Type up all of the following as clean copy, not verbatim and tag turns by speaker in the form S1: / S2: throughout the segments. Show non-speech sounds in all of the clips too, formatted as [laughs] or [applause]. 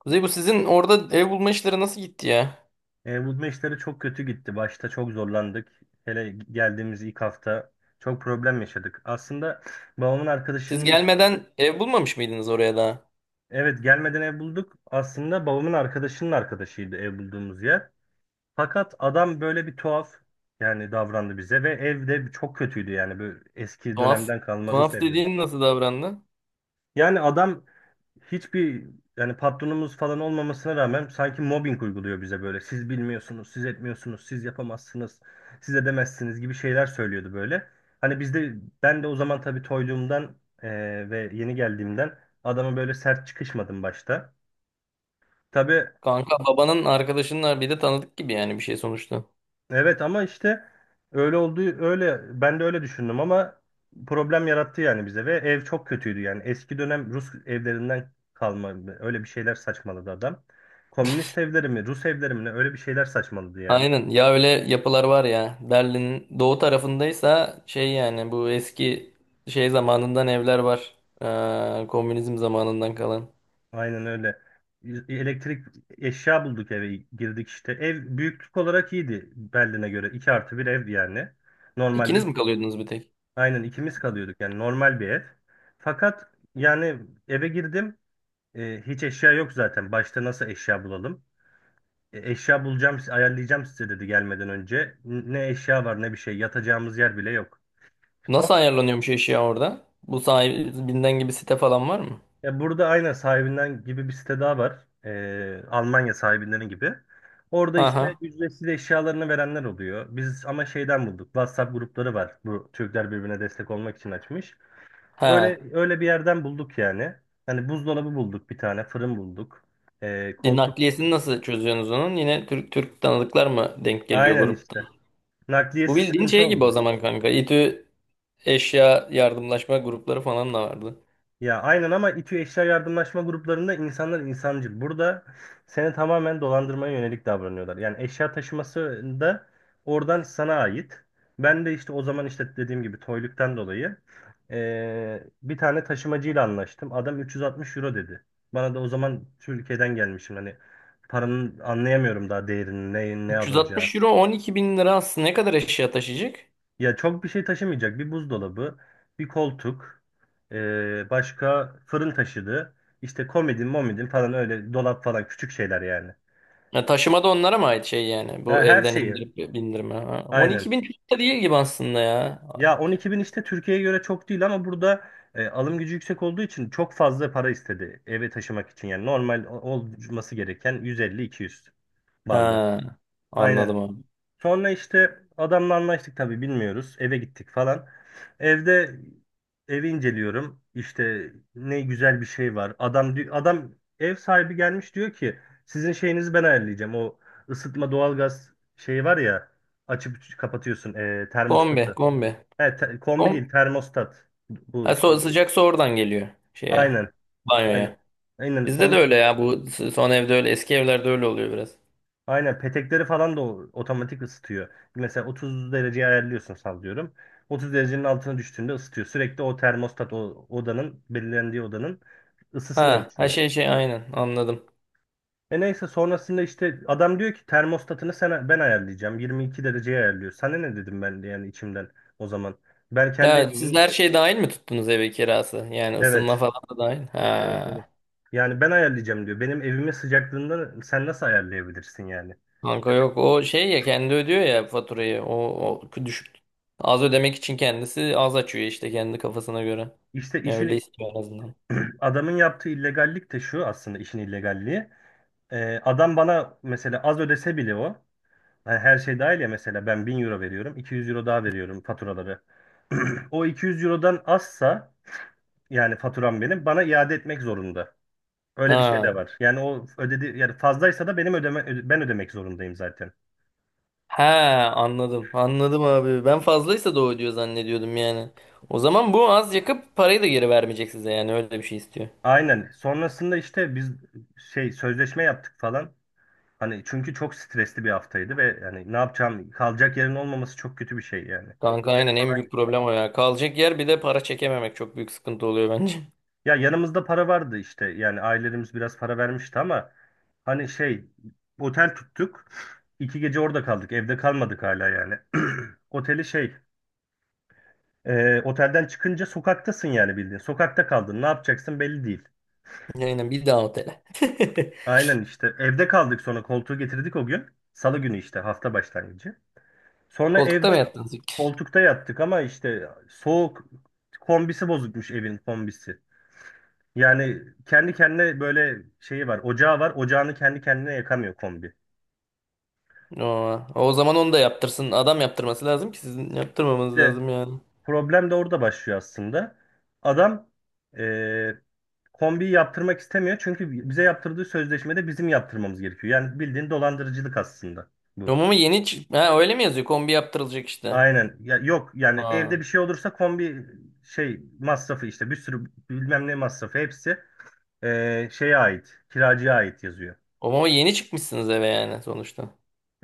S1: Kuzey bu sizin orada ev bulma işleri nasıl gitti ya?
S2: Bu maçları çok kötü gitti. Başta çok zorlandık. Hele geldiğimiz ilk hafta çok problem yaşadık. Aslında babamın
S1: Siz
S2: arkadaşının.
S1: gelmeden ev bulmamış mıydınız oraya daha?
S2: Evet, gelmeden ev bulduk. Aslında babamın arkadaşının arkadaşıydı ev bulduğumuz yer. Fakat adam böyle bir tuhaf, yani, davrandı bize ve evde çok kötüydü, yani böyle eski
S1: Tuhaf.
S2: dönemden kalma Rus
S1: Tuhaf
S2: evleri.
S1: dediğin nasıl davrandı?
S2: Yani adam hiçbir, yani, patronumuz falan olmamasına rağmen sanki mobbing uyguluyor bize böyle. Siz bilmiyorsunuz, siz etmiyorsunuz, siz yapamazsınız, siz edemezsiniz gibi şeyler söylüyordu böyle. Hani bizde ben de o zaman tabii toyluğumdan ve yeni geldiğimden adama böyle sert çıkışmadım başta. Tabii.
S1: Kanka babanın arkadaşının bir de tanıdık gibi yani bir şey sonuçta.
S2: Evet, ama işte öyle olduğu, öyle, ben de öyle düşündüm ama problem yarattı yani bize ve ev çok kötüydü yani eski dönem Rus evlerinden kalma öyle bir şeyler saçmaladı adam. Komünist evleri mi, Rus evleri mi ne, öyle bir şeyler saçmaladı yani.
S1: Aynen ya öyle yapılar var ya. Berlin'in doğu tarafındaysa şey yani bu eski şey zamanından evler var. Komünizm zamanından kalan.
S2: Aynen öyle. Elektrik eşya bulduk, eve girdik işte. Ev büyüklük olarak iyiydi Berlin'e göre. 2+1 ev yani. Normalde
S1: İkiniz mi kalıyordunuz bir tek?
S2: aynen ikimiz kalıyorduk yani, normal bir ev. Fakat yani eve girdim. Hiç eşya yok zaten. Başta nasıl eşya bulalım? Eşya bulacağım, ayarlayacağım size dedi gelmeden önce. Ne eşya var ne bir şey. Yatacağımız yer bile yok. Son,
S1: Nasıl ayarlanıyormuş eşya orada? Bu sahibinden gibi site falan var mı?
S2: burada aynen sahibinden gibi bir site daha var. Almanya sahibinden gibi. Orada işte
S1: Aha.
S2: ücretsiz eşyalarını verenler oluyor. Biz ama şeyden bulduk. WhatsApp grupları var. Bu Türkler birbirine destek olmak için açmış.
S1: He.
S2: Öyle öyle bir yerden bulduk yani. Hani buzdolabı bulduk bir tane, fırın bulduk. Koltuk.
S1: Nakliyesini nasıl çözüyorsunuz onun? Yine Türk Türk tanıdıklar mı denk geliyor
S2: Aynen
S1: gruptan?
S2: işte.
S1: Bu
S2: Nakliyesi
S1: bildiğin
S2: sıkıntı
S1: şey gibi o
S2: oldu.
S1: zaman kanka. İTÜ eşya yardımlaşma grupları falan da vardı.
S2: Ya aynen ama İTÜ Eşya Yardımlaşma gruplarında insanlar insancıl. Burada seni tamamen dolandırmaya yönelik davranıyorlar. Yani eşya taşıması da oradan sana ait. Ben de işte o zaman, işte, dediğim gibi toyluktan dolayı bir tane taşımacıyla anlaştım. Adam 360 euro dedi. Bana da o zaman Türkiye'den gelmişim. Hani paranın anlayamıyorum daha değerini, ne, ne
S1: 360
S2: alınacağı.
S1: euro 12 bin lira aslında ne kadar eşya taşıyacak?
S2: Ya çok bir şey taşımayacak. Bir buzdolabı, bir koltuk, başka fırın taşıdı. İşte komodin, momidin falan, öyle dolap falan, küçük şeyler yani.
S1: Ya taşıma da onlara mı ait şey yani? Bu
S2: Ha, her
S1: evden
S2: şeyi.
S1: indirip bindirme. Ha.
S2: Aynen.
S1: 12 bin çok da değil gibi aslında ya.
S2: Ya 12 bin işte Türkiye'ye göre çok değil ama burada, alım gücü yüksek olduğu için çok fazla para istedi eve taşımak için. Yani normal olması gereken 150-200 bandı.
S1: Ha,
S2: Aynen.
S1: anladım abi.
S2: Sonra işte adamla anlaştık, tabii bilmiyoruz. Eve gittik falan. Evde evi inceliyorum. İşte ne güzel bir şey var. Adam ev sahibi gelmiş diyor ki sizin şeyinizi ben ayarlayacağım. O ısıtma doğalgaz şeyi var ya, açıp kapatıyorsun
S1: Kombi,
S2: termostatı.
S1: kombi.
S2: He, kombi
S1: Kom
S2: değil termostat bu
S1: ha, so
S2: şey.
S1: sıcak su oradan geliyor şeye,
S2: Aynen. Aynen.
S1: banyoya.
S2: Aynen.
S1: Bizde de öyle ya. Bu son evde öyle. Eski evlerde öyle oluyor biraz.
S2: Aynen petekleri falan da otomatik ısıtıyor. Mesela 30 dereceye ayarlıyorsun, sallıyorum. 30 derecenin altına düştüğünde ısıtıyor. Sürekli o termostat, o odanın belirlendiği odanın ısısını
S1: Ha, her
S2: ölçüyor.
S1: şey şey aynen anladım.
S2: Neyse sonrasında işte adam diyor ki termostatını, ben ayarlayacağım. 22 dereceye ayarlıyor. Sana ne dedim ben de yani içimden, o zaman. Ben kendi
S1: Ya siz
S2: evimin.
S1: her şey dahil mi tuttunuz eve kirası? Yani
S2: Evet,
S1: ısınma falan da dahil.
S2: evet, evet.
S1: Ha.
S2: Yani ben ayarlayacağım diyor. Benim evimin sıcaklığından sen nasıl ayarlayabilirsin yani?
S1: Kanka yok o şey ya kendi ödüyor ya faturayı. O düşük az ödemek için kendisi az açıyor işte kendi kafasına göre.
S2: İşte
S1: Ya öyle
S2: işin
S1: istiyor en azından.
S2: Adamın yaptığı illegallik de şu, aslında işin illegalliği. Adam bana mesela az ödese bile o. Hani her şey dahil ya, mesela ben 1000 euro veriyorum. 200 euro daha veriyorum faturaları. [clears throat] O 200 eurodan azsa, yani faturam, benim bana iade etmek zorunda. Öyle bir şey
S1: Ha.
S2: de var. Yani o ödedi yani, fazlaysa da benim ben ödemek zorundayım zaten.
S1: Ha, anladım. Anladım abi. Ben fazlaysa da o ödüyor zannediyordum yani. O zaman bu az yakıp parayı da geri vermeyecek size yani öyle bir şey istiyor.
S2: Aynen. Sonrasında işte biz şey sözleşme yaptık falan. Hani çünkü çok stresli bir haftaydı ve yani ne yapacağım, kalacak yerin olmaması çok kötü bir şey yani.
S1: Kanka
S2: Otele
S1: aynen en
S2: falan
S1: büyük
S2: gittik.
S1: problem o ya. Kalacak yer bir de para çekememek çok büyük sıkıntı oluyor bence.
S2: Ya yanımızda para vardı işte, yani ailelerimiz biraz para vermişti ama hani şey, otel tuttuk. 2 gece orada kaldık, evde kalmadık hala yani. [clears throat] Oteli şey otelden çıkınca sokaktasın yani, bildiğin sokakta kaldın, ne yapacaksın belli değil.
S1: [laughs] Aynen bir daha otele. [laughs]
S2: Aynen işte evde kaldık, sonra koltuğu getirdik o gün. Salı günü işte, hafta başlangıcı. Sonra
S1: Koltukta mı
S2: evde.
S1: yattınız?
S2: Koltukta yattık ama işte soğuk, kombisi bozukmuş evin, kombisi. Yani kendi kendine böyle şeyi var, ocağı var. Ocağını kendi kendine yakamıyor kombi.
S1: Aa, o zaman onu da yaptırsın. Adam yaptırması lazım ki sizin yaptırmamanız
S2: İşte
S1: lazım yani.
S2: problem de orada başlıyor aslında. Adam eee kombiyi yaptırmak istemiyor çünkü bize yaptırdığı sözleşmede bizim yaptırmamız gerekiyor. Yani bildiğin dolandırıcılık aslında bu.
S1: Romama yeni çık. Ha, öyle mi yazıyor? Kombi yaptırılacak işte.
S2: Aynen. Ya yok yani
S1: Aa.
S2: evde bir şey olursa kombi şey masrafı, işte bir sürü bilmem ne masrafı, hepsi şeye ait, kiracıya ait yazıyor.
S1: Romama yeni çıkmışsınız eve yani sonuçta.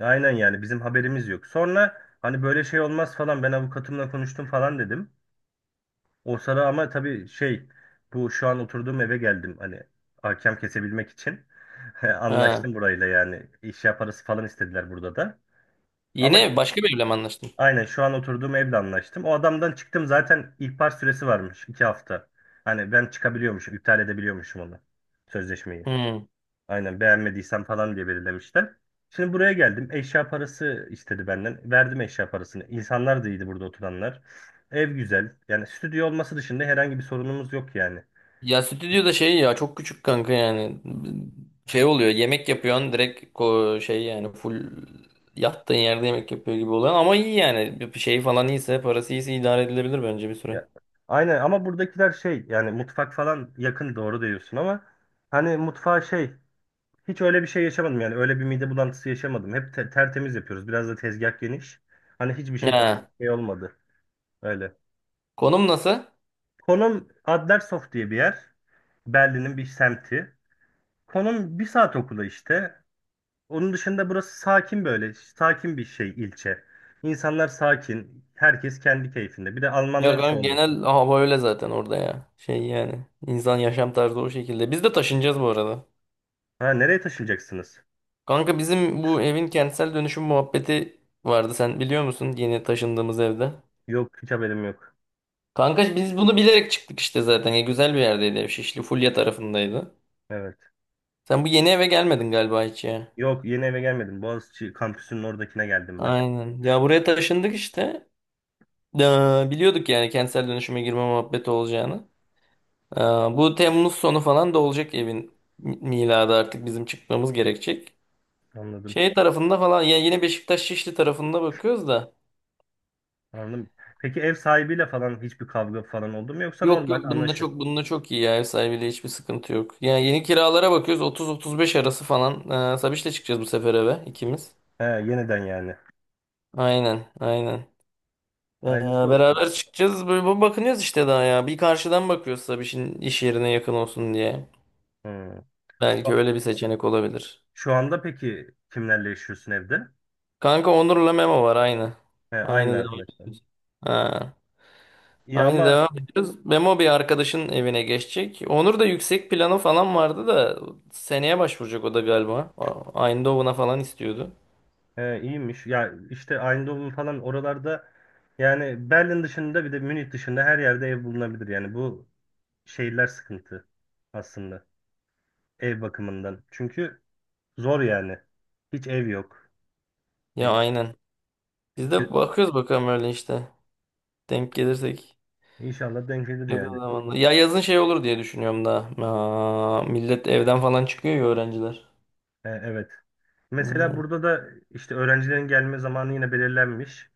S2: Aynen yani bizim haberimiz yok. Sonra hani böyle şey olmaz falan, ben avukatımla konuştum falan dedim. O sıra ama tabii şey, bu şu an oturduğum eve geldim, hani hakem kesebilmek için. [laughs]
S1: Ha.
S2: Anlaştım burayla yani, işya parası falan istediler burada da.
S1: Yeni
S2: Ama
S1: ev, başka bir evle mi anlaştın?
S2: aynen şu an oturduğum evle anlaştım. O adamdan çıktım zaten, ihbar süresi varmış 2 hafta. Hani ben çıkabiliyormuşum, iptal edebiliyormuşum onu, sözleşmeyi.
S1: Hmm.
S2: Aynen beğenmediysem falan diye belirlemişler. Şimdi buraya geldim. Eşya parası istedi benden. Verdim eşya parasını. İnsanlar da iyiydi burada oturanlar. Ev güzel. Yani stüdyo olması dışında herhangi bir sorunumuz yok yani.
S1: Ya stüdyoda şey ya çok küçük kanka yani. Şey oluyor yemek yapıyorsun direkt şey yani full yattığın yerde yemek yapıyor gibi oluyor ama iyi yani bir şey falan iyiyse parası iyiyse idare edilebilir bence bir süre.
S2: Ya, aynen ama buradakiler şey yani, mutfak falan yakın, doğru diyorsun ama hani mutfağa şey, hiç öyle bir şey yaşamadım yani, öyle bir mide bulantısı yaşamadım. Hep tertemiz yapıyoruz. Biraz da tezgah geniş. Hani hiçbir şey
S1: Ha.
S2: şey olmadı. Öyle.
S1: Konum nasıl?
S2: Konum Adlershof diye bir yer. Berlin'in bir semti. Konum 1 saat okula işte. Onun dışında burası sakin böyle. Sakin bir şey ilçe. İnsanlar sakin. Herkes kendi keyfinde. Bir de
S1: Ya
S2: Almanlar
S1: kanka
S2: çoğunlukla.
S1: genel hava öyle zaten orada ya. Şey yani, insan yaşam tarzı o şekilde. Biz de taşınacağız bu arada.
S2: Ha, nereye taşınacaksınız?
S1: Kanka bizim bu evin kentsel dönüşüm muhabbeti vardı. Sen biliyor musun yeni taşındığımız evde?
S2: Yok, hiç haberim yok.
S1: Kanka biz bunu bilerek çıktık işte zaten. Ya güzel bir yerdeydi ev. Şişli Fulya tarafındaydı.
S2: Evet.
S1: Sen bu yeni eve gelmedin galiba hiç ya.
S2: Yok, yeni eve gelmedim. Boğaziçi kampüsünün oradakine geldim ben.
S1: Aynen. Ya buraya taşındık işte. Ee, Biliyorduk yani kentsel dönüşüme girme muhabbeti olacağını. Ee, Bu Temmuz sonu falan da olacak evin miladı artık bizim çıkmamız gerekecek.
S2: Anladım.
S1: Şey tarafında falan yani yine Beşiktaş Şişli tarafında bakıyoruz da.
S2: Anladım. Peki ev sahibiyle falan hiçbir kavga falan oldu mu, yoksa
S1: Yok yok,
S2: normal
S1: bununla
S2: anlaşır.
S1: çok iyi ya, ev sahibiyle hiçbir sıkıntı yok. Yani yeni kiralara bakıyoruz 30-35 arası falan. Sabiş'le çıkacağız bu sefer eve ikimiz.
S2: He, yeniden yani.
S1: Aynen aynen. Ee,
S2: Hayırlısı olsun.
S1: Beraber çıkacağız böyle bakınıyoruz işte daha ya. Bir karşıdan bakıyoruz Sabiş'in iş yerine yakın olsun diye.
S2: Hmm.
S1: Belki
S2: Şu,
S1: öyle bir seçenek olabilir.
S2: şu anda peki kimlerle yaşıyorsun evde?
S1: Kanka Onur'la Memo var aynı.
S2: He, aynı
S1: Aynı devam.
S2: arkadaşlar.
S1: Ha.
S2: İyi
S1: Aynı
S2: ama.
S1: devam ediyoruz. Memo bir arkadaşın evine geçecek. Onur da yüksek planı falan vardı da seneye başvuracak o da galiba. Aynı Doğu'na falan istiyordu.
S2: He, iyiymiş. Ya işte Eindhoven falan oralarda, yani Berlin dışında bir de Münih dışında her yerde ev bulunabilir. Yani bu şehirler sıkıntı aslında, ev bakımından. Çünkü zor yani. Hiç ev yok. Ya,
S1: Ya aynen. Biz
S2: ki-
S1: de bakıyoruz bakalım öyle işte. Denk gelirsek
S2: İnşallah denk gelir yani.
S1: yakın zamanda. Ya yazın şey olur diye düşünüyorum da. Aa, millet evden falan çıkıyor ya öğrenciler.
S2: He, evet. Mesela
S1: Aynen.
S2: burada da işte öğrencilerin gelme zamanı yine belirlenmiş.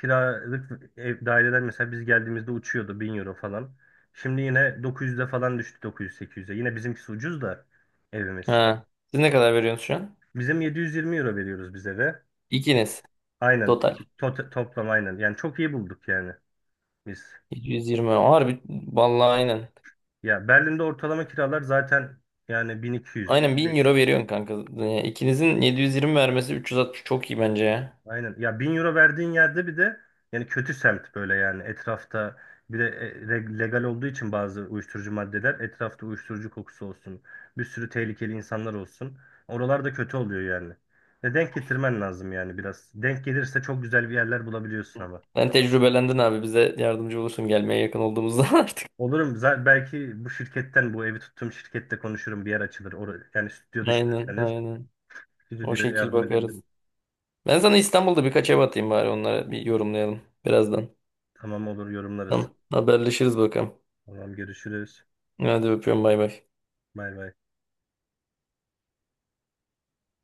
S2: Kiralık ev daireler mesela biz geldiğimizde uçuyordu 1000 euro falan. Şimdi yine 900'e falan düştü, 908, 800'e. Yine bizimkisi ucuz da, evimiz.
S1: Ha. Siz ne kadar veriyorsunuz şu an?
S2: Bizim 720 euro veriyoruz bize de.
S1: İkiniz.
S2: Aynen.
S1: Total.
S2: Toplam aynen. Yani çok iyi bulduk yani biz.
S1: 720. Harbi. Vallahi aynen.
S2: Ya Berlin'de ortalama kiralar zaten yani 1200,
S1: Aynen 1000
S2: 500.
S1: euro veriyorsun kanka. Yani ikinizin 720 vermesi 360 çok iyi bence ya.
S2: Aynen. Ya 1000 euro verdiğin yerde bir de yani kötü semt böyle yani, etrafta bir de legal olduğu için bazı uyuşturucu maddeler, etrafta uyuşturucu kokusu olsun. Bir sürü tehlikeli insanlar olsun. Oralarda kötü oluyor yani. Ve denk getirmen lazım yani biraz. Denk gelirse çok güzel bir yerler bulabiliyorsun ama.
S1: Sen tecrübelendin abi bize yardımcı olursun gelmeye yakın olduğumuzda [laughs] artık.
S2: Olurum. Zaten belki bu şirketten, bu evi tuttuğum şirkette konuşurum. Bir yer açılır. Yani stüdyo
S1: Aynen
S2: düşünürseniz
S1: aynen. O
S2: stüdyoya
S1: şekil
S2: yardım
S1: bakarız.
S2: edebilirim.
S1: Ben sana İstanbul'da birkaç ev atayım bari onlara bir yorumlayalım birazdan.
S2: Tamam olur, yorumlarız.
S1: Tamam haberleşiriz bakalım.
S2: Tamam, görüşürüz.
S1: Hadi öpüyorum bay bay.
S2: Bay bay.